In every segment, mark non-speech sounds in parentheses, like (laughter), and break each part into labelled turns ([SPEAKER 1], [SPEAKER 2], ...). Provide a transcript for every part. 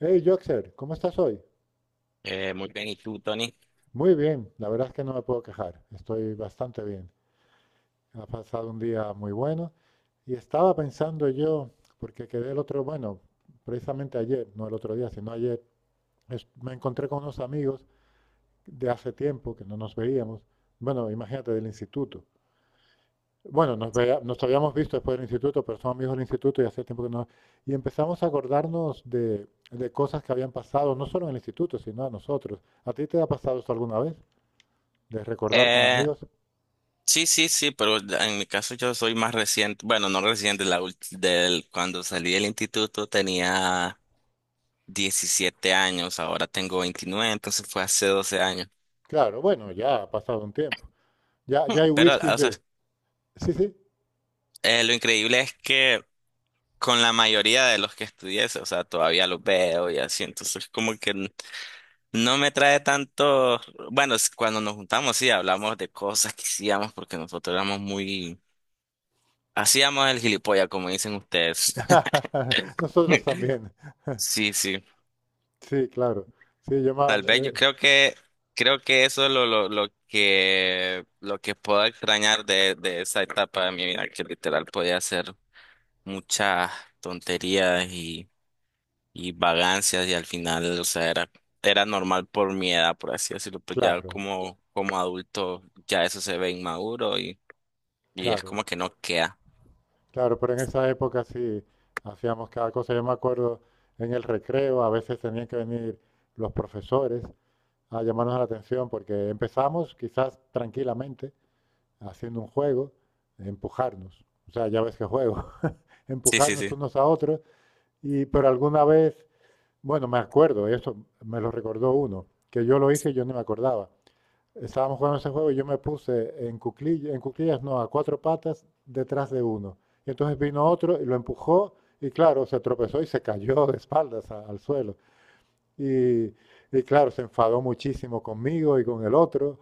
[SPEAKER 1] Hey, Joxer, ¿cómo estás hoy?
[SPEAKER 2] Muy bien, ¿y tú, Tony?
[SPEAKER 1] Muy bien, la verdad es que no me puedo quejar, estoy bastante bien. Ha pasado un día muy bueno y estaba pensando yo, porque quedé el otro, bueno, precisamente ayer, no el otro día, sino ayer, me encontré con unos amigos de hace tiempo que no nos veíamos, bueno, imagínate del instituto. Bueno, nos habíamos visto después del instituto, pero somos amigos del instituto y hace tiempo que no. Y empezamos a acordarnos de cosas que habían pasado, no solo en el instituto, sino a nosotros. ¿A ti te ha pasado esto alguna vez, de recordar con
[SPEAKER 2] Eh,
[SPEAKER 1] amigos?
[SPEAKER 2] sí, sí, sí, pero en mi caso yo soy más reciente, bueno, no reciente, cuando salí del instituto tenía 17 años, ahora tengo 29 entonces fue hace 12 años.
[SPEAKER 1] Claro, bueno, ya ha pasado un tiempo. Ya,
[SPEAKER 2] Hmm.
[SPEAKER 1] ya hay
[SPEAKER 2] Pero,
[SPEAKER 1] whiskies
[SPEAKER 2] o sea,
[SPEAKER 1] de. Sí, sí.
[SPEAKER 2] lo increíble es que con la mayoría de los que estudié, o sea, todavía los veo y así, entonces no me trae tanto, bueno, es cuando nos juntamos sí hablamos de cosas que hacíamos porque nosotros éramos muy... Hacíamos el gilipollas, como dicen ustedes.
[SPEAKER 1] (laughs) Nosotros también.
[SPEAKER 2] (laughs)
[SPEAKER 1] (laughs)
[SPEAKER 2] Sí, sí.
[SPEAKER 1] Sí, claro. Sí, yo
[SPEAKER 2] Tal
[SPEAKER 1] más.
[SPEAKER 2] vez yo creo que eso es lo que lo que puedo extrañar de esa etapa de mi vida, que literal podía hacer muchas tonterías y vagancias y al final, o sea, era, era normal por mi edad, por así decirlo, pues ya
[SPEAKER 1] Claro,
[SPEAKER 2] como, como adulto ya eso se ve inmaduro y es
[SPEAKER 1] claro,
[SPEAKER 2] como que no queda.
[SPEAKER 1] claro. Pero en esa época sí hacíamos cada cosa. Yo me acuerdo en el recreo, a veces tenían que venir los profesores a llamarnos la atención porque empezamos quizás tranquilamente haciendo un juego, empujarnos. O sea, ya ves qué juego. (laughs)
[SPEAKER 2] Sí, sí,
[SPEAKER 1] Empujarnos
[SPEAKER 2] sí.
[SPEAKER 1] unos a otros. Y pero alguna vez, bueno, me acuerdo, eso me lo recordó uno, que yo lo hice y yo no me acordaba. Estábamos jugando ese juego y yo me puse en cuclillas no, a cuatro patas detrás de uno. Y entonces vino otro y lo empujó y claro, se tropezó y se cayó de espaldas al suelo. Y, y claro, se enfadó muchísimo conmigo y con el otro.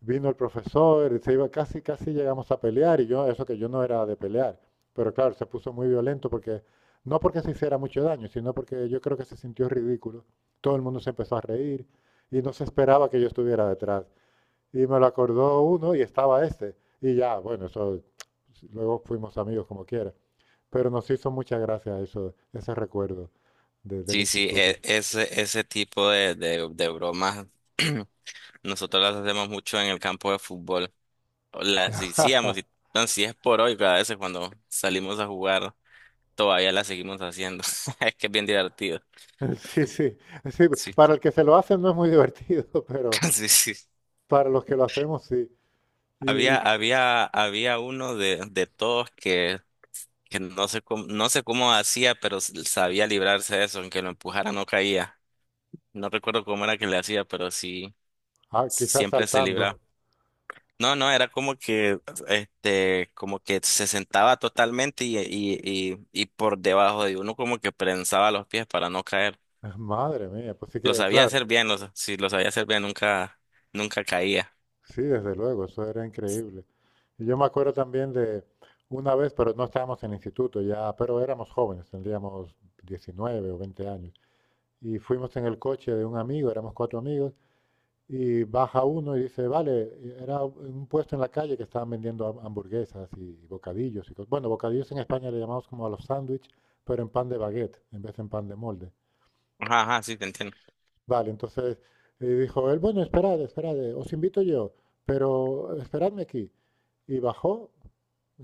[SPEAKER 1] Vino el profesor, y se iba casi, casi llegamos a pelear y yo, eso que yo no era de pelear, pero claro, se puso muy violento porque, no porque se hiciera mucho daño, sino porque yo creo que se sintió ridículo. Todo el mundo se empezó a reír y no se esperaba que yo estuviera detrás. Y me lo acordó uno y estaba este. Y ya, bueno, eso, luego fuimos amigos como quiera. Pero nos hizo mucha gracia eso, ese recuerdo del
[SPEAKER 2] Sí, sí,
[SPEAKER 1] instituto.
[SPEAKER 2] ese, ese tipo de bromas. (clears throat) Nosotros las hacemos mucho en el campo de fútbol. Las hacíamos, y
[SPEAKER 1] (laughs)
[SPEAKER 2] no, si es por hoy, cada vez cuando salimos a jugar, todavía las seguimos haciendo. (laughs) Es que es bien divertido.
[SPEAKER 1] Sí, sí, sí,
[SPEAKER 2] Sí,
[SPEAKER 1] para el que se lo hace no es muy divertido, (laughs) pero,
[SPEAKER 2] (laughs) sí, sí.
[SPEAKER 1] para los que lo hacemos, sí. Y,
[SPEAKER 2] Había,
[SPEAKER 1] y,
[SPEAKER 2] había, había uno de todos que no sé cómo, no sé cómo hacía, pero sabía librarse de eso, aunque lo empujara no caía. No recuerdo cómo era que le hacía, pero sí,
[SPEAKER 1] ah, quizás
[SPEAKER 2] siempre se
[SPEAKER 1] saltando.
[SPEAKER 2] libraba. No, no, era como que, este, como que se sentaba totalmente y por debajo de uno como que prensaba los pies para no caer.
[SPEAKER 1] (laughs) Madre mía, pues sí
[SPEAKER 2] Lo
[SPEAKER 1] que,
[SPEAKER 2] sabía
[SPEAKER 1] claro,
[SPEAKER 2] hacer bien, sí, lo sabía hacer bien, nunca, nunca caía.
[SPEAKER 1] sí, desde luego, eso era increíble. Y yo me acuerdo también de una vez, pero no estábamos en el instituto ya, pero éramos jóvenes, tendríamos 19 o 20 años. Y fuimos en el coche de un amigo, éramos cuatro amigos, y baja uno y dice, vale, era un puesto en la calle que estaban vendiendo hamburguesas y bocadillos. Y bueno, bocadillos en España le llamamos como a los sándwiches, pero en pan de baguette, en vez de en pan de molde.
[SPEAKER 2] Ajá, ajá, sí, te entiendo.
[SPEAKER 1] Vale, entonces dijo él, bueno, esperad, esperad, os invito yo, pero esperadme aquí. Y bajó,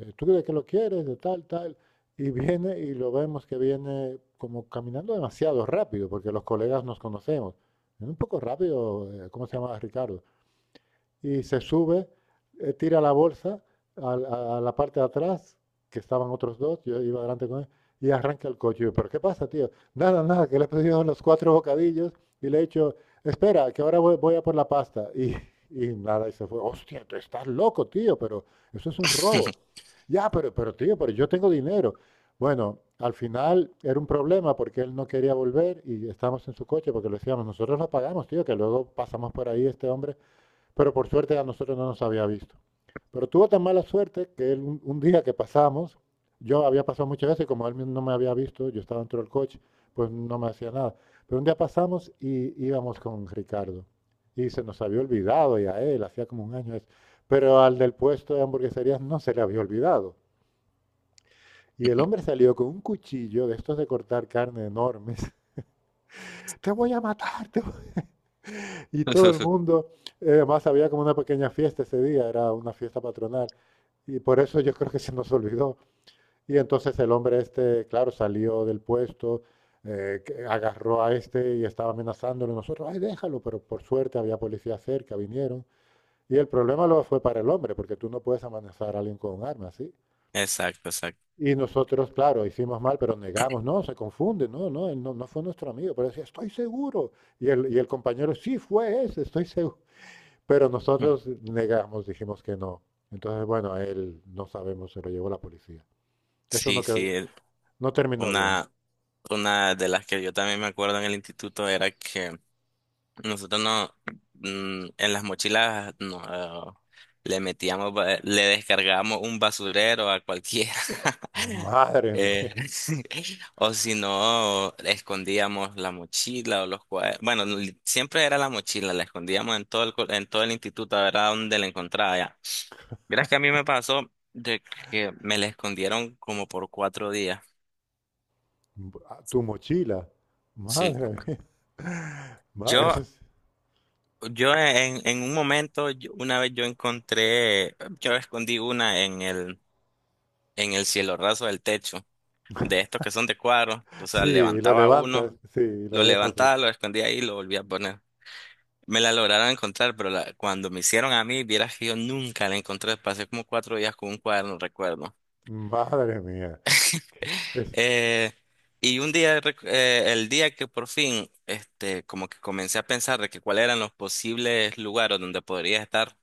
[SPEAKER 1] tú de que lo quieres, de tal, tal, y viene y lo vemos que viene como caminando demasiado rápido, porque los colegas nos conocemos. Un poco rápido, ¿cómo se llamaba, Ricardo? Y se sube, tira la bolsa a la parte de atrás, que estaban otros dos, yo iba adelante con él, y arranca el coche. Yo, ¿pero qué pasa, tío? Nada, nada, que le he pedido los cuatro bocadillos y le he dicho, espera, que ahora voy, a por la pasta. (laughs) Y nada, y se fue. Hostia, tú estás loco, tío, pero eso es un robo. Ya, pero tío, pero yo tengo dinero. Bueno, al final era un problema porque él no quería volver y estábamos en su coche porque le decíamos, nosotros lo pagamos, tío, que luego pasamos por ahí este hombre, pero por suerte a nosotros no nos había visto. Pero tuvo tan mala suerte que él, un día que pasamos, yo había pasado muchas veces, como él no me había visto, yo estaba dentro del coche, pues no me hacía nada. Pero un día pasamos y íbamos con Ricardo. Y se nos había olvidado, y a él, hacía como un año eso. Pero al del puesto de hamburgueserías no se le había olvidado. Y el hombre
[SPEAKER 2] (laughs)
[SPEAKER 1] salió con un cuchillo de estos de cortar carne enormes. (laughs) Te voy a matar, te. Y todo el mundo, además había como una pequeña fiesta ese día, era una fiesta patronal. Y por eso yo creo que se nos olvidó. Y entonces el hombre este, claro, salió del puesto, que agarró a este y estaba amenazándolo. Nosotros, ay, déjalo, pero por suerte había policía cerca, vinieron. Y el problema luego fue para el hombre, porque tú no puedes amenazar a alguien con un arma, ¿sí?
[SPEAKER 2] Exacto, exacto.
[SPEAKER 1] Y nosotros, claro, hicimos mal, pero negamos, no, se confunde, no, no, él no, no fue nuestro amigo, pero decía, estoy seguro. Y el compañero, sí, fue ese, estoy seguro. Pero
[SPEAKER 2] Mm.
[SPEAKER 1] nosotros negamos, dijimos que no. Entonces, bueno, a él no sabemos, se lo llevó la policía. Eso no,
[SPEAKER 2] Sí, sí,
[SPEAKER 1] no terminó bien.
[SPEAKER 2] una, una de las que yo también me acuerdo en el instituto era que nosotros no, en las mochilas no, le metíamos, le descargábamos un basurero a cualquiera. (laughs)
[SPEAKER 1] Madre mía,
[SPEAKER 2] Eh, (laughs) o si no, escondíamos la mochila o los cuadernos. Bueno, siempre era la mochila, la escondíamos en todo el, en todo el instituto, a ver a dónde la encontraba ya. Verás que a mí me pasó de que me la escondieron como por 4 días.
[SPEAKER 1] (laughs) tu mochila,
[SPEAKER 2] Sí.
[SPEAKER 1] madre mía. Ma-
[SPEAKER 2] Yo
[SPEAKER 1] Eso es-
[SPEAKER 2] Yo en un momento, una vez yo encontré, yo escondí una en el cielo raso del techo, de estos que son de cuadros, o sea,
[SPEAKER 1] sí, y lo
[SPEAKER 2] levantaba
[SPEAKER 1] levantas,
[SPEAKER 2] uno,
[SPEAKER 1] sí, y
[SPEAKER 2] lo
[SPEAKER 1] lo dejas.
[SPEAKER 2] levantaba, lo escondía ahí y lo volvía a poner. Me la lograron encontrar, pero cuando me hicieron a mí, vieras que yo nunca la encontré, pasé como 4 días con un cuaderno, recuerdo.
[SPEAKER 1] Madre mía, es
[SPEAKER 2] Eh, y un día, el día que por fin, este, como que comencé a pensar de que cuáles eran los posibles lugares donde podría estar.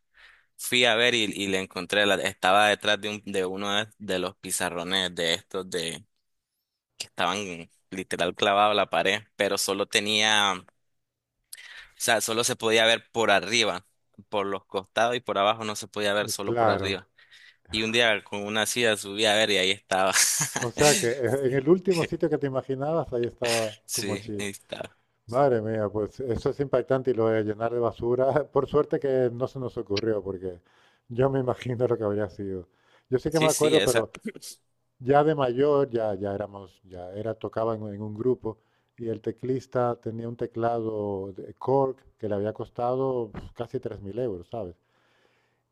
[SPEAKER 2] Fui a ver y le encontré, estaba detrás de, un, de uno de los pizarrones de estos de que estaban literal clavados a la pared, pero solo tenía, o sea, solo se podía ver por arriba, por los costados y por abajo no se podía ver solo por
[SPEAKER 1] claro.
[SPEAKER 2] arriba. Y un día con una silla subí a ver y ahí estaba.
[SPEAKER 1] O sea que en el
[SPEAKER 2] (laughs)
[SPEAKER 1] último sitio que te imaginabas, ahí estaba tu
[SPEAKER 2] Sí, ahí
[SPEAKER 1] mochila.
[SPEAKER 2] estaba.
[SPEAKER 1] Madre mía, pues eso es impactante y lo de llenar de basura. (laughs) Por suerte que no se nos ocurrió, porque yo me (laughs) imagino lo que habría sido. Yo sí que me
[SPEAKER 2] Sí, sí,
[SPEAKER 1] acuerdo,
[SPEAKER 2] esa.
[SPEAKER 1] pero ya de mayor, ya, ya éramos, ya era, tocaba en un grupo y el teclista tenía un teclado de Korg que le había costado casi 3.000 euros, ¿sabes?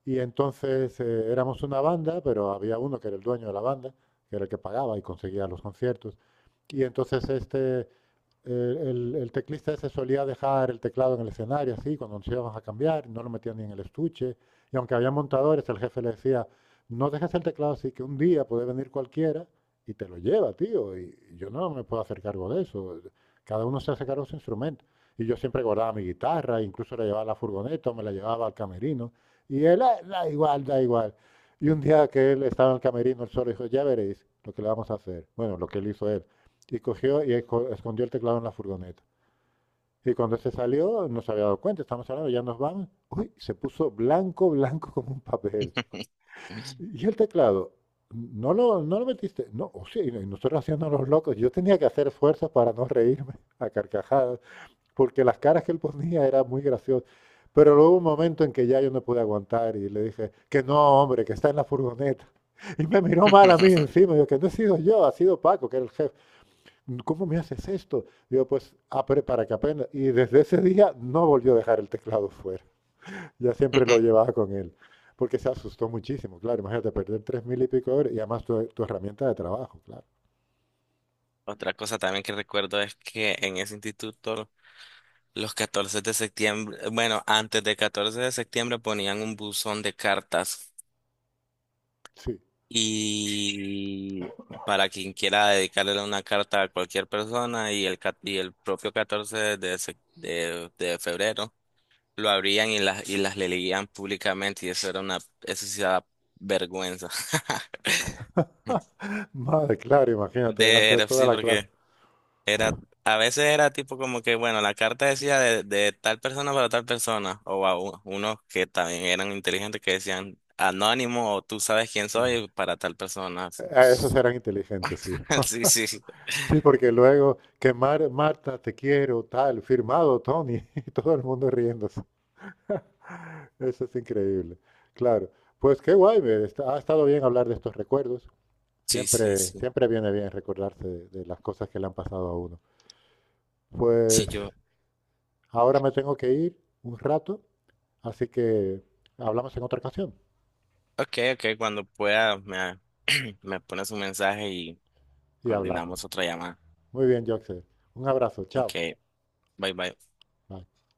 [SPEAKER 1] Y entonces éramos una banda, pero había uno que era el dueño de la banda, que era el que pagaba y conseguía los conciertos. Y entonces este eh, el teclista ese solía dejar el teclado en el escenario, así, cuando nos íbamos a cambiar, no lo metía ni en el estuche. Y aunque había montadores, el jefe le decía, no dejes el teclado así, que un día puede venir cualquiera y te lo lleva, tío. Y yo no me puedo hacer cargo de eso. Cada uno se hace cargo de su instrumento. Y yo siempre guardaba mi guitarra, incluso la llevaba a la furgoneta, o me la llevaba al camerino. Y él, "Ah, da igual, da igual." Y un día que él estaba en el camerino, él solo dijo, ya veréis lo que le vamos a hacer. Bueno, lo que él hizo él y cogió y escondió el teclado en la furgoneta. Y cuando se salió, no se había dado cuenta, estamos hablando, ya nos vamos. Uy, se puso blanco, blanco como un papel.
[SPEAKER 2] (laughs)
[SPEAKER 1] Y el teclado, no lo metiste. No, o sí, y nosotros haciendo los locos. Yo tenía que hacer fuerzas para no reírme a carcajadas, porque las caras que él ponía eran muy graciosas. Pero luego hubo un momento en que ya yo no pude aguantar y le dije, que no, hombre, que está en la furgoneta. Y me miró mal a mí
[SPEAKER 2] (laughs)
[SPEAKER 1] encima, yo que no he sido yo, ha sido Paco, que era el jefe. ¿Cómo me haces esto? Digo, pues, ah, pero para que aprenda. Y desde ese día no volvió a dejar el teclado fuera. Ya siempre lo llevaba con él. Porque se asustó muchísimo, claro. Imagínate perder 3.000 y pico de horas y además tu herramienta de trabajo, claro.
[SPEAKER 2] Otra cosa también que recuerdo es que en ese instituto los 14 de septiembre, bueno, antes del 14 de septiembre ponían un buzón de cartas
[SPEAKER 1] Sí.
[SPEAKER 2] y para quien quiera dedicarle una carta a cualquier persona, y el, y el propio 14 de, de febrero lo abrían y las leían públicamente y eso era una, eso sí da vergüenza. (laughs)
[SPEAKER 1] Madre, claro, imagínate, delante de
[SPEAKER 2] De,
[SPEAKER 1] toda
[SPEAKER 2] sí,
[SPEAKER 1] la clase.
[SPEAKER 2] porque era, a veces era tipo como que, bueno, la carta decía de tal persona para tal persona, o unos que también eran inteligentes que decían anónimo o tú sabes quién soy para tal persona. Sí,
[SPEAKER 1] A esos eran inteligentes, sí.
[SPEAKER 2] (laughs) sí, sí,
[SPEAKER 1] Sí, porque luego que Marta, te quiero, tal, firmado Tony, (laughs) y todo el mundo riéndose. Eso es increíble. Claro. Pues qué guay, ha estado bien hablar de estos recuerdos.
[SPEAKER 2] sí, sí,
[SPEAKER 1] Siempre,
[SPEAKER 2] sí. Sí.
[SPEAKER 1] siempre viene bien recordarse de las cosas que le han pasado a uno.
[SPEAKER 2] Sí,
[SPEAKER 1] Pues
[SPEAKER 2] yo,
[SPEAKER 1] ahora me tengo que ir un rato, así que hablamos en otra ocasión
[SPEAKER 2] ok, ok, cuando pueda me, (clears throat) me pones un mensaje y
[SPEAKER 1] y hablamos.
[SPEAKER 2] coordinamos otra llamada.
[SPEAKER 1] Muy bien, Joxer. Un abrazo,
[SPEAKER 2] Ok,
[SPEAKER 1] chao.
[SPEAKER 2] bye, bye.
[SPEAKER 1] Bye.